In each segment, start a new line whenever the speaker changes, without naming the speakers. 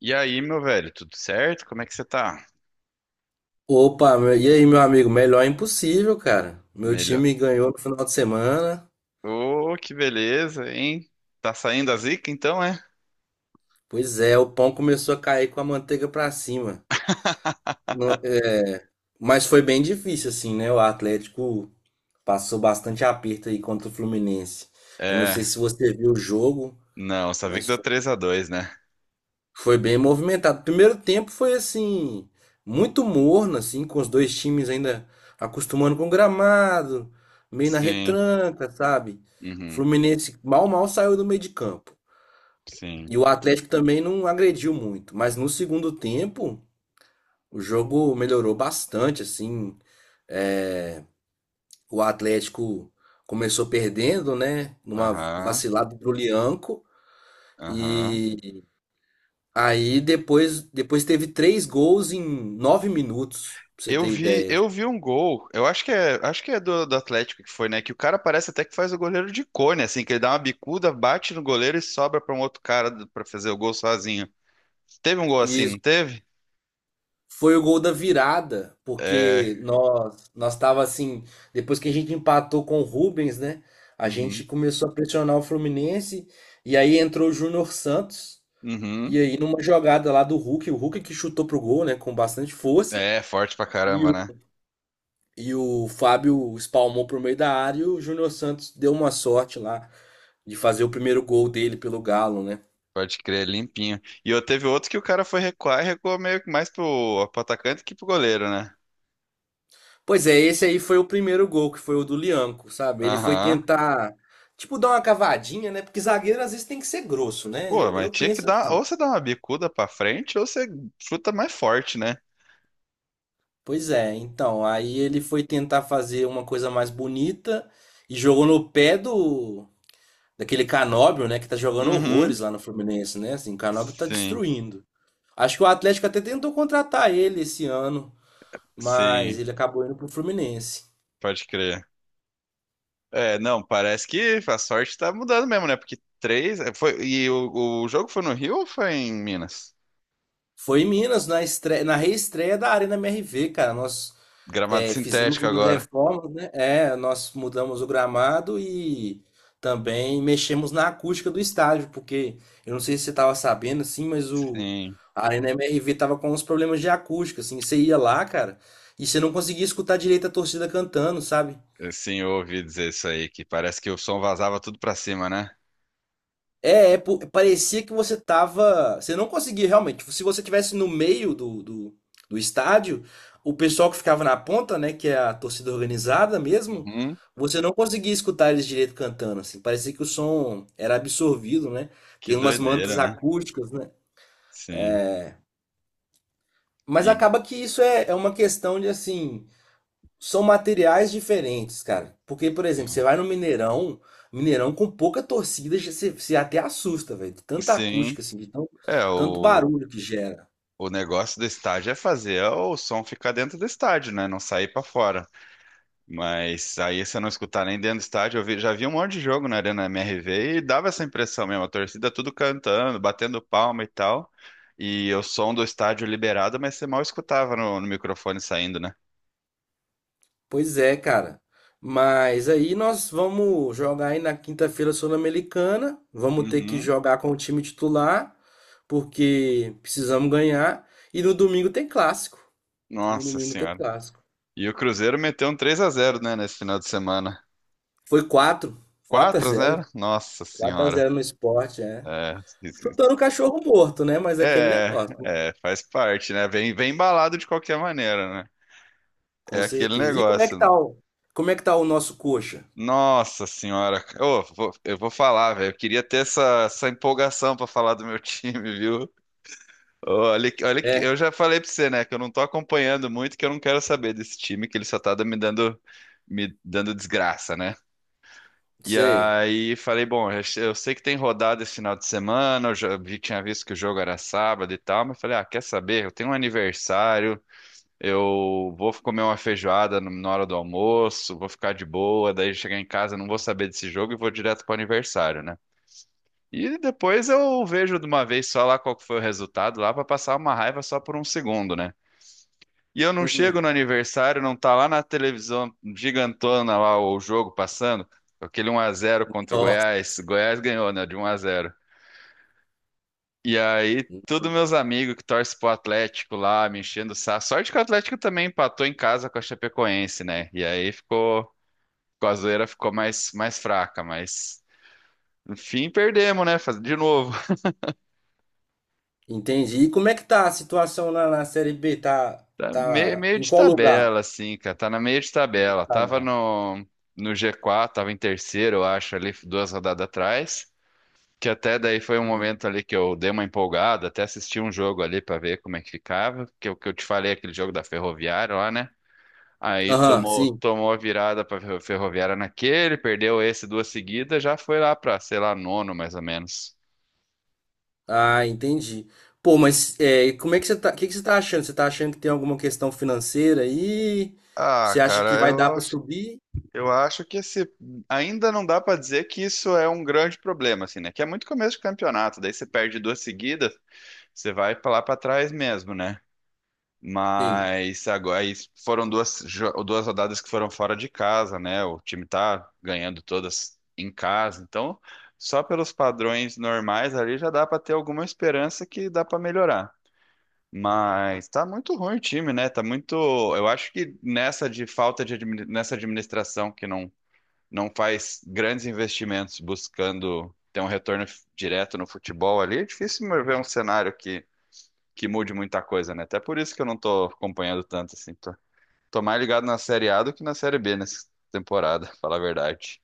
E aí, meu velho, tudo certo? Como é que você tá?
Opa, e aí, meu amigo? Melhor é impossível, cara. Meu
Melhor.
time ganhou no final de semana.
Ô, que beleza, hein? Tá saindo a zica então, é?
Pois é, o pão começou a cair com a manteiga pra cima. No- é, Mas foi bem difícil, assim, né? O Atlético passou bastante aperto aí contra o Fluminense. Eu não sei
É.
se você viu o jogo,
Não, só vi que
mas
deu 3-2, né?
foi bem movimentado. Primeiro tempo foi assim, muito morno, assim, com os dois times ainda acostumando com o gramado, meio na
Sim.
retranca, sabe? O
Uhum.
Fluminense mal saiu do meio de campo.
Sim.
E o Atlético também não agrediu muito. Mas no segundo tempo, o jogo melhorou bastante, assim. É, O Atlético começou perdendo, né? Numa
Aham.
vacilada pro Lianco.
Aham.
Aí depois teve três gols em 9 minutos, pra você
Eu
ter
vi,
ideia.
eu vi um gol. Eu acho que é do Atlético que foi, né? Que o cara parece até que faz o goleiro de cone, assim, que ele dá uma bicuda, bate no goleiro e sobra pra um outro cara pra fazer o gol sozinho. Teve um gol assim,
E
não teve?
foi o gol da virada,
É.
porque nós tava assim, depois que a gente empatou com o Rubens, né? A
Uhum.
gente começou a pressionar o Fluminense e aí entrou o Júnior Santos. E
Uhum.
aí numa jogada lá do Hulk, o Hulk que chutou pro gol, né, com bastante força,
É, forte pra
e
caramba, né?
o, e o Fábio espalmou pro meio da área e o Júnior Santos deu uma sorte lá de fazer o primeiro gol dele pelo Galo, né?
Pode crer, limpinho. E eu teve outro que o cara foi recuar e recuou meio que mais pro atacante que pro goleiro, né?
Pois é, esse aí foi o primeiro gol, que foi o do Lianco, sabe? Ele foi
Aham.
tentar, tipo, dar uma cavadinha, né? Porque zagueiro às vezes tem que ser grosso, né?
Pô,
Eu,
mas
eu
tinha que
penso
dar.
assim.
Ou você dá uma bicuda pra frente, ou você chuta mais forte, né?
Pois é, então, aí ele foi tentar fazer uma coisa mais bonita e jogou no pé do daquele Canóbio, né? Que tá jogando horrores
Uhum.
lá no Fluminense, né? Assim, o Canóbio tá
Sim,
destruindo. Acho que o Atlético até tentou contratar ele esse ano, mas
sim.
ele acabou indo pro Fluminense.
Pode crer. É, não, parece que a sorte tá mudando mesmo, né? Porque três. Foi, e o jogo foi no Rio ou foi em Minas?
Foi em Minas, na estreia, na reestreia da Arena MRV, cara.
Gramado
Fizemos
sintético
umas
agora.
reformas, né? É, nós mudamos o gramado e também mexemos na acústica do estádio, porque eu não sei se você estava sabendo, assim, mas o
Sim,
a Arena MRV tava com uns problemas de acústica, assim, você ia lá, cara, e você não conseguia escutar direito a torcida cantando, sabe?
sim, eu ouvi dizer isso aí, que parece que o som vazava tudo pra cima, né?
Parecia que você tava. Você não conseguia realmente. Se você tivesse no meio do estádio, o pessoal que ficava na ponta, né, que é a torcida organizada mesmo,
Uhum.
você não conseguia escutar eles direito cantando, assim. Parecia que o som era absorvido, né?
Que
Tem umas
doideira,
mantas
né?
acústicas, né?
Sim.
Mas
E
acaba que isso é uma questão de, assim, são materiais diferentes, cara. Porque, por exemplo, você vai no Mineirão, Mineirão com pouca torcida, você até assusta, velho, de tanta
sim,
acústica, assim, de tão-
é
tanto
o,
barulho que gera.
o negócio do estádio é fazer o som ficar dentro do estádio, né? Não sair pra fora. Mas aí você não escutar nem dentro do estádio, já vi um monte de jogo na Arena MRV e dava essa impressão mesmo, a torcida tudo cantando, batendo palma e tal. E o som do estádio liberado, mas você mal escutava no microfone saindo, né?
Pois é, cara. Mas aí nós vamos jogar aí na quinta-feira Sul-Americana. Vamos ter que
Uhum.
jogar com o time titular, porque precisamos ganhar. E no domingo tem clássico. No
Nossa
domingo tem
senhora.
clássico.
E o Cruzeiro meteu um 3-0, né, nesse final de semana.
Foi 4, quatro a
quatro a
zero,
zero? Nossa
quatro a
senhora.
zero no esporte, é.
É, esquisito.
Chutando o cachorro morto, né? Mas é aquele
é,
negócio, né?
é, faz parte, né? Vem, vem embalado de qualquer maneira, né? É
Com
aquele
certeza. E
negócio.
como é que tá o nosso coxa?
Nossa senhora, Ô, eu vou falar, velho. Eu queria ter essa empolgação pra falar do meu time, viu? Ô, Olha,
É,
eu já falei pra você, né, que eu não tô acompanhando muito, que eu não quero saber desse time, que ele só tá me dando desgraça, né? E
sei.
aí falei, bom, eu sei que tem rodada esse final de semana, tinha visto que o jogo era sábado e tal, mas falei, ah, quer saber? Eu tenho um aniversário, eu vou comer uma feijoada na hora do almoço, vou ficar de boa, daí chegar em casa não vou saber desse jogo e vou direto pro aniversário, né? E depois eu vejo de uma vez só lá qual que foi o resultado lá pra passar uma raiva só por um segundo, né? E eu não chego
Uhum.
no aniversário, não tá lá na televisão gigantona lá o jogo passando, aquele 1-0 contra o
Nossa,
Goiás. Goiás ganhou, né? De 1-0. E aí, todos meus amigos que torcem pro Atlético lá, me enchendo o saco. Sorte que o Atlético também empatou em casa com a Chapecoense, né? E aí ficou, com a zoeira ficou mais fraca, mas enfim, perdemos, né? De novo.
entendi. E como é que tá a situação na Série B? Tá,
Tá meio,
tá
meio
em
de
qual lugar?
tabela, assim, cara. Tá na meio de tabela.
Tá
Tava
mesmo.
no, no G4, tava em terceiro, eu acho, ali, duas rodadas atrás. Que até daí foi um
Hum.
momento ali que eu dei uma empolgada, até assisti um jogo ali pra ver como é que ficava. Que o que eu te falei, aquele jogo da Ferroviária lá, né? Aí
Aham,
tomou,
sim.
tomou a virada pra Ferroviária naquele, perdeu esse duas seguidas, já foi lá pra, sei lá, nono mais ou menos.
Ah, entendi. Pô, mas e como é que você tá, o que que você tá achando? Você tá achando que tem alguma questão financeira aí?
Ah,
Você acha que
cara,
vai
eu
dar pra
acho
subir?
Eu acho que esse ainda não dá para dizer que isso é um grande problema, assim, né? Que é muito começo de campeonato, daí você perde duas seguidas, você vai pra lá para trás mesmo, né?
Sim.
Mas agora aí foram duas, duas rodadas que foram fora de casa, né? O time tá ganhando todas em casa, então só pelos padrões normais ali já dá para ter alguma esperança que dá para melhorar. Mas tá muito ruim o time, né? Tá muito. Eu acho que nessa de falta de nessa administração que não faz grandes investimentos buscando ter um retorno direto no futebol ali, é difícil ver um cenário que mude muita coisa, né? Até por isso que eu não tô acompanhando tanto assim. Tô mais ligado na Série A do que na Série B nessa temporada, falar a verdade.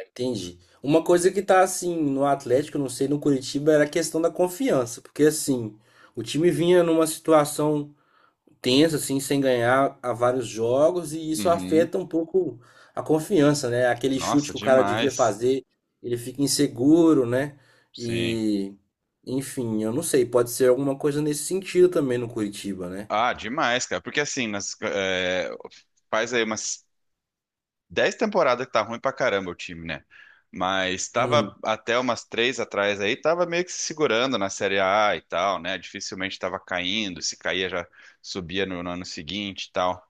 Entendi. Uma coisa que tá assim no Atlético, não sei, no Curitiba, era a questão da confiança, porque assim, o time vinha numa situação tensa, assim, sem ganhar há vários jogos, e isso
Uhum.
afeta um pouco a confiança, né? Aquele chute
Nossa,
que o cara devia
demais.
fazer, ele fica inseguro, né?
Sim.
E, enfim, eu não sei, pode ser alguma coisa nesse sentido também no Curitiba, né?
Ah, demais, cara. Porque assim, faz aí umas 10 temporadas que tá ruim pra caramba o time, né? Mas tava
Uhum,
até umas três atrás aí, tava meio que se segurando na Série A e tal, né? Dificilmente tava caindo, se caía já subia no ano seguinte e tal.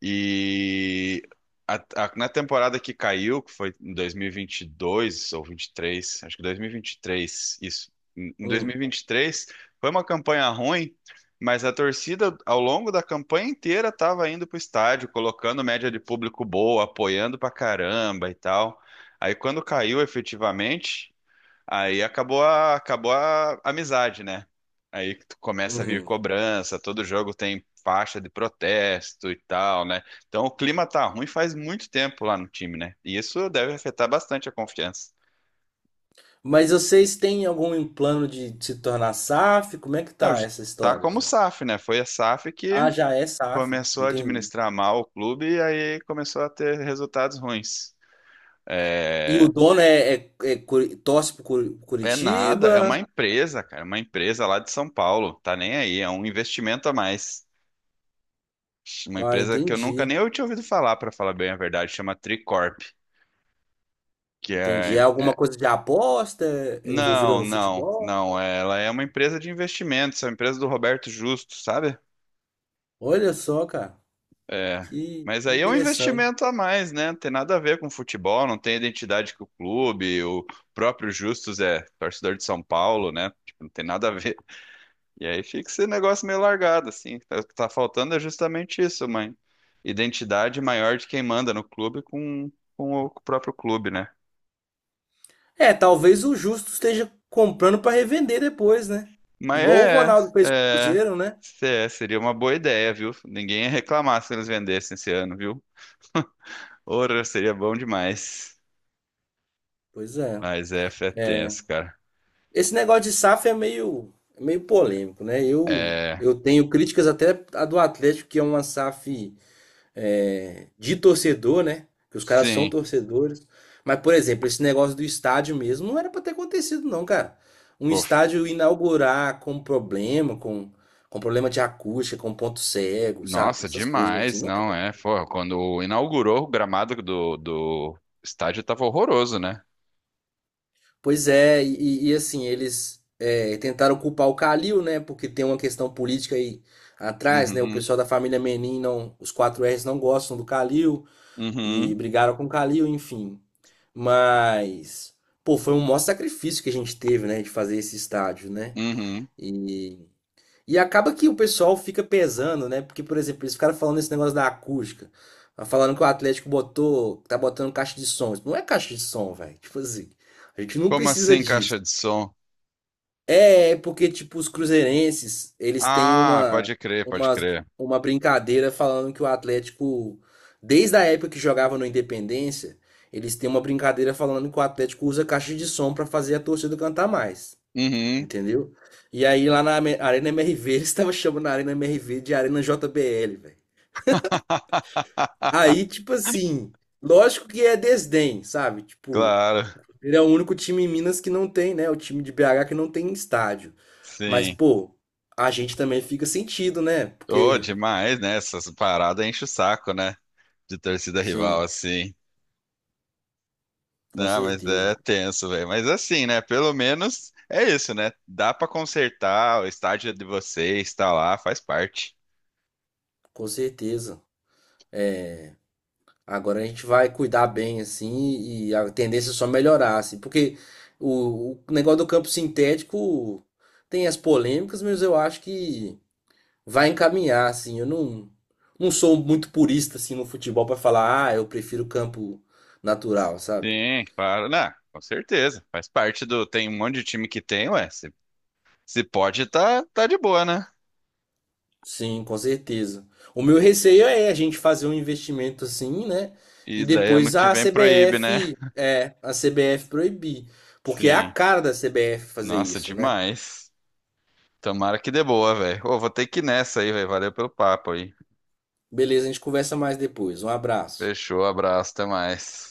E na temporada que caiu, que foi em 2022 ou 23, acho que 2023, isso. Em
uhum,
2023 foi uma campanha ruim, mas a torcida ao longo da campanha inteira estava indo pro estádio, colocando média de público boa, apoiando pra caramba e tal. Aí quando caiu efetivamente, aí acabou a amizade, né? Aí tu começa a vir
uhum.
cobrança, todo jogo tem faixa de protesto e tal, né? Então o clima tá ruim faz muito tempo lá no time, né? E isso deve afetar bastante a confiança.
Mas vocês têm algum plano de se tornar SAF? Como é que
Não,
tá essa
tá
história,
como o
assim?
SAF, né? Foi a SAF que
Ah, já é SAF,
começou a
entendi.
administrar mal o clube e aí começou a ter resultados ruins.
E o
É,
dono torce pro
é nada,
Curitiba?
é uma empresa, cara, uma empresa lá de São Paulo, tá nem aí, é um investimento a mais. Uma
Ah,
empresa que eu nunca
entendi.
nem eu tinha ouvido falar, para falar bem a verdade, chama Tricorp, que
Entendi. É
é,
alguma coisa de aposta envolvida
Não,
no
não,
futebol?
não. Ela é uma empresa de investimentos, é uma empresa do Roberto Justo, sabe?
Olha só, cara,
É.
que
Mas aí é um
interessante.
investimento a mais, né? Não tem nada a ver com futebol, não tem identidade com o clube. O próprio Justus é torcedor de São Paulo, né? Tipo, não tem nada a ver. E aí fica esse negócio meio largado, assim. Tá, o que tá faltando é justamente isso, mãe. Identidade maior de quem manda no clube com o próprio clube, né?
É, talvez o Justo esteja comprando para revender depois, né?
Mas
Igual o
é,
Ronaldo fez com o
é,
Cruzeiro, né?
seria uma boa ideia, viu? Ninguém ia reclamar se eles vendessem esse ano, viu? Ora, seria bom demais.
Pois é.
Mas é
é.
tenso, cara.
Esse negócio de SAF é meio polêmico, né? Eu,
É,
eu tenho críticas até a do Atlético, que é uma SAF de torcedor, né? Que os caras são
sim.
torcedores. Mas, por exemplo, esse negócio do estádio mesmo não era pra ter acontecido, não, cara. Um
Pô,
estádio inaugurar com problema, com problema de acústica, com ponto cego, sabe?
nossa,
Essas coisas assim,
demais,
não é
não
bom.
é? Pô, quando inaugurou o gramado do estádio tava horroroso, né?
Pois é, e assim, eles tentaram culpar o Calil, né? Porque tem uma questão política aí atrás, né? O
Uhum,
pessoal da família Menin, não, os quatro rs não gostam do Calil
uhum,
e brigaram com o Calil, enfim. Mas, pô, foi um maior sacrifício que a gente teve, né, de fazer esse estádio, né?
uhum.
E, e acaba que o pessoal fica pesando, né? Porque, por exemplo, eles ficaram falando esse negócio da acústica. Falando que o Atlético botou, tá botando caixa de som. Isso não é caixa de som, velho. Tipo assim, a gente não
Como
precisa
assim caixa
disso.
de som?
É, é porque, tipo, os cruzeirenses, eles têm
Ah, pode crer, pode
uma,
crer.
uma brincadeira falando que o Atlético, desde a época que jogava no Independência, eles têm uma brincadeira falando que o Atlético usa caixa de som pra fazer a torcida cantar mais,
Uhum.
entendeu? E aí lá na Arena MRV, eles estavam chamando a Arena MRV de Arena JBL, velho. Aí, tipo assim, lógico que é desdém, sabe? Tipo,
Claro,
ele é o único time em Minas que não tem, né? O time de BH que não tem estádio. Mas,
sim.
pô, a gente também fica sentido, né?
Ô,
Porque,
demais, né? Essas paradas enche o saco, né? De torcida rival,
sim,
assim.
com
Não, mas
certeza,
é tenso, velho. Mas assim, né? Pelo menos é isso, né? Dá pra consertar, o estádio é de vocês, tá lá, faz parte.
com certeza. Agora a gente vai cuidar bem, assim, e a tendência é só melhorar, assim, porque o negócio do campo sintético tem as polêmicas, mas eu acho que vai encaminhar, assim. Eu não sou muito purista, assim, no futebol para falar, ah, eu prefiro campo natural, sabe?
Sim, claro. Não, com certeza. Faz parte do. Tem um monte de time que tem, ué. Se pode, tá, tá de boa, né?
Sim, com certeza. O meu receio é a gente fazer um investimento assim, né? E
E daí ano
depois
que vem
a CBF,
proíbe, né?
é, a CBF proibir. Porque é a
Sim.
cara da CBF fazer
Nossa,
isso, né?
demais. Tomara que dê boa, velho. Ô, vou ter que ir nessa aí, velho. Valeu pelo papo aí.
Beleza, a gente conversa mais depois. Um abraço.
Fechou, abraço, até mais.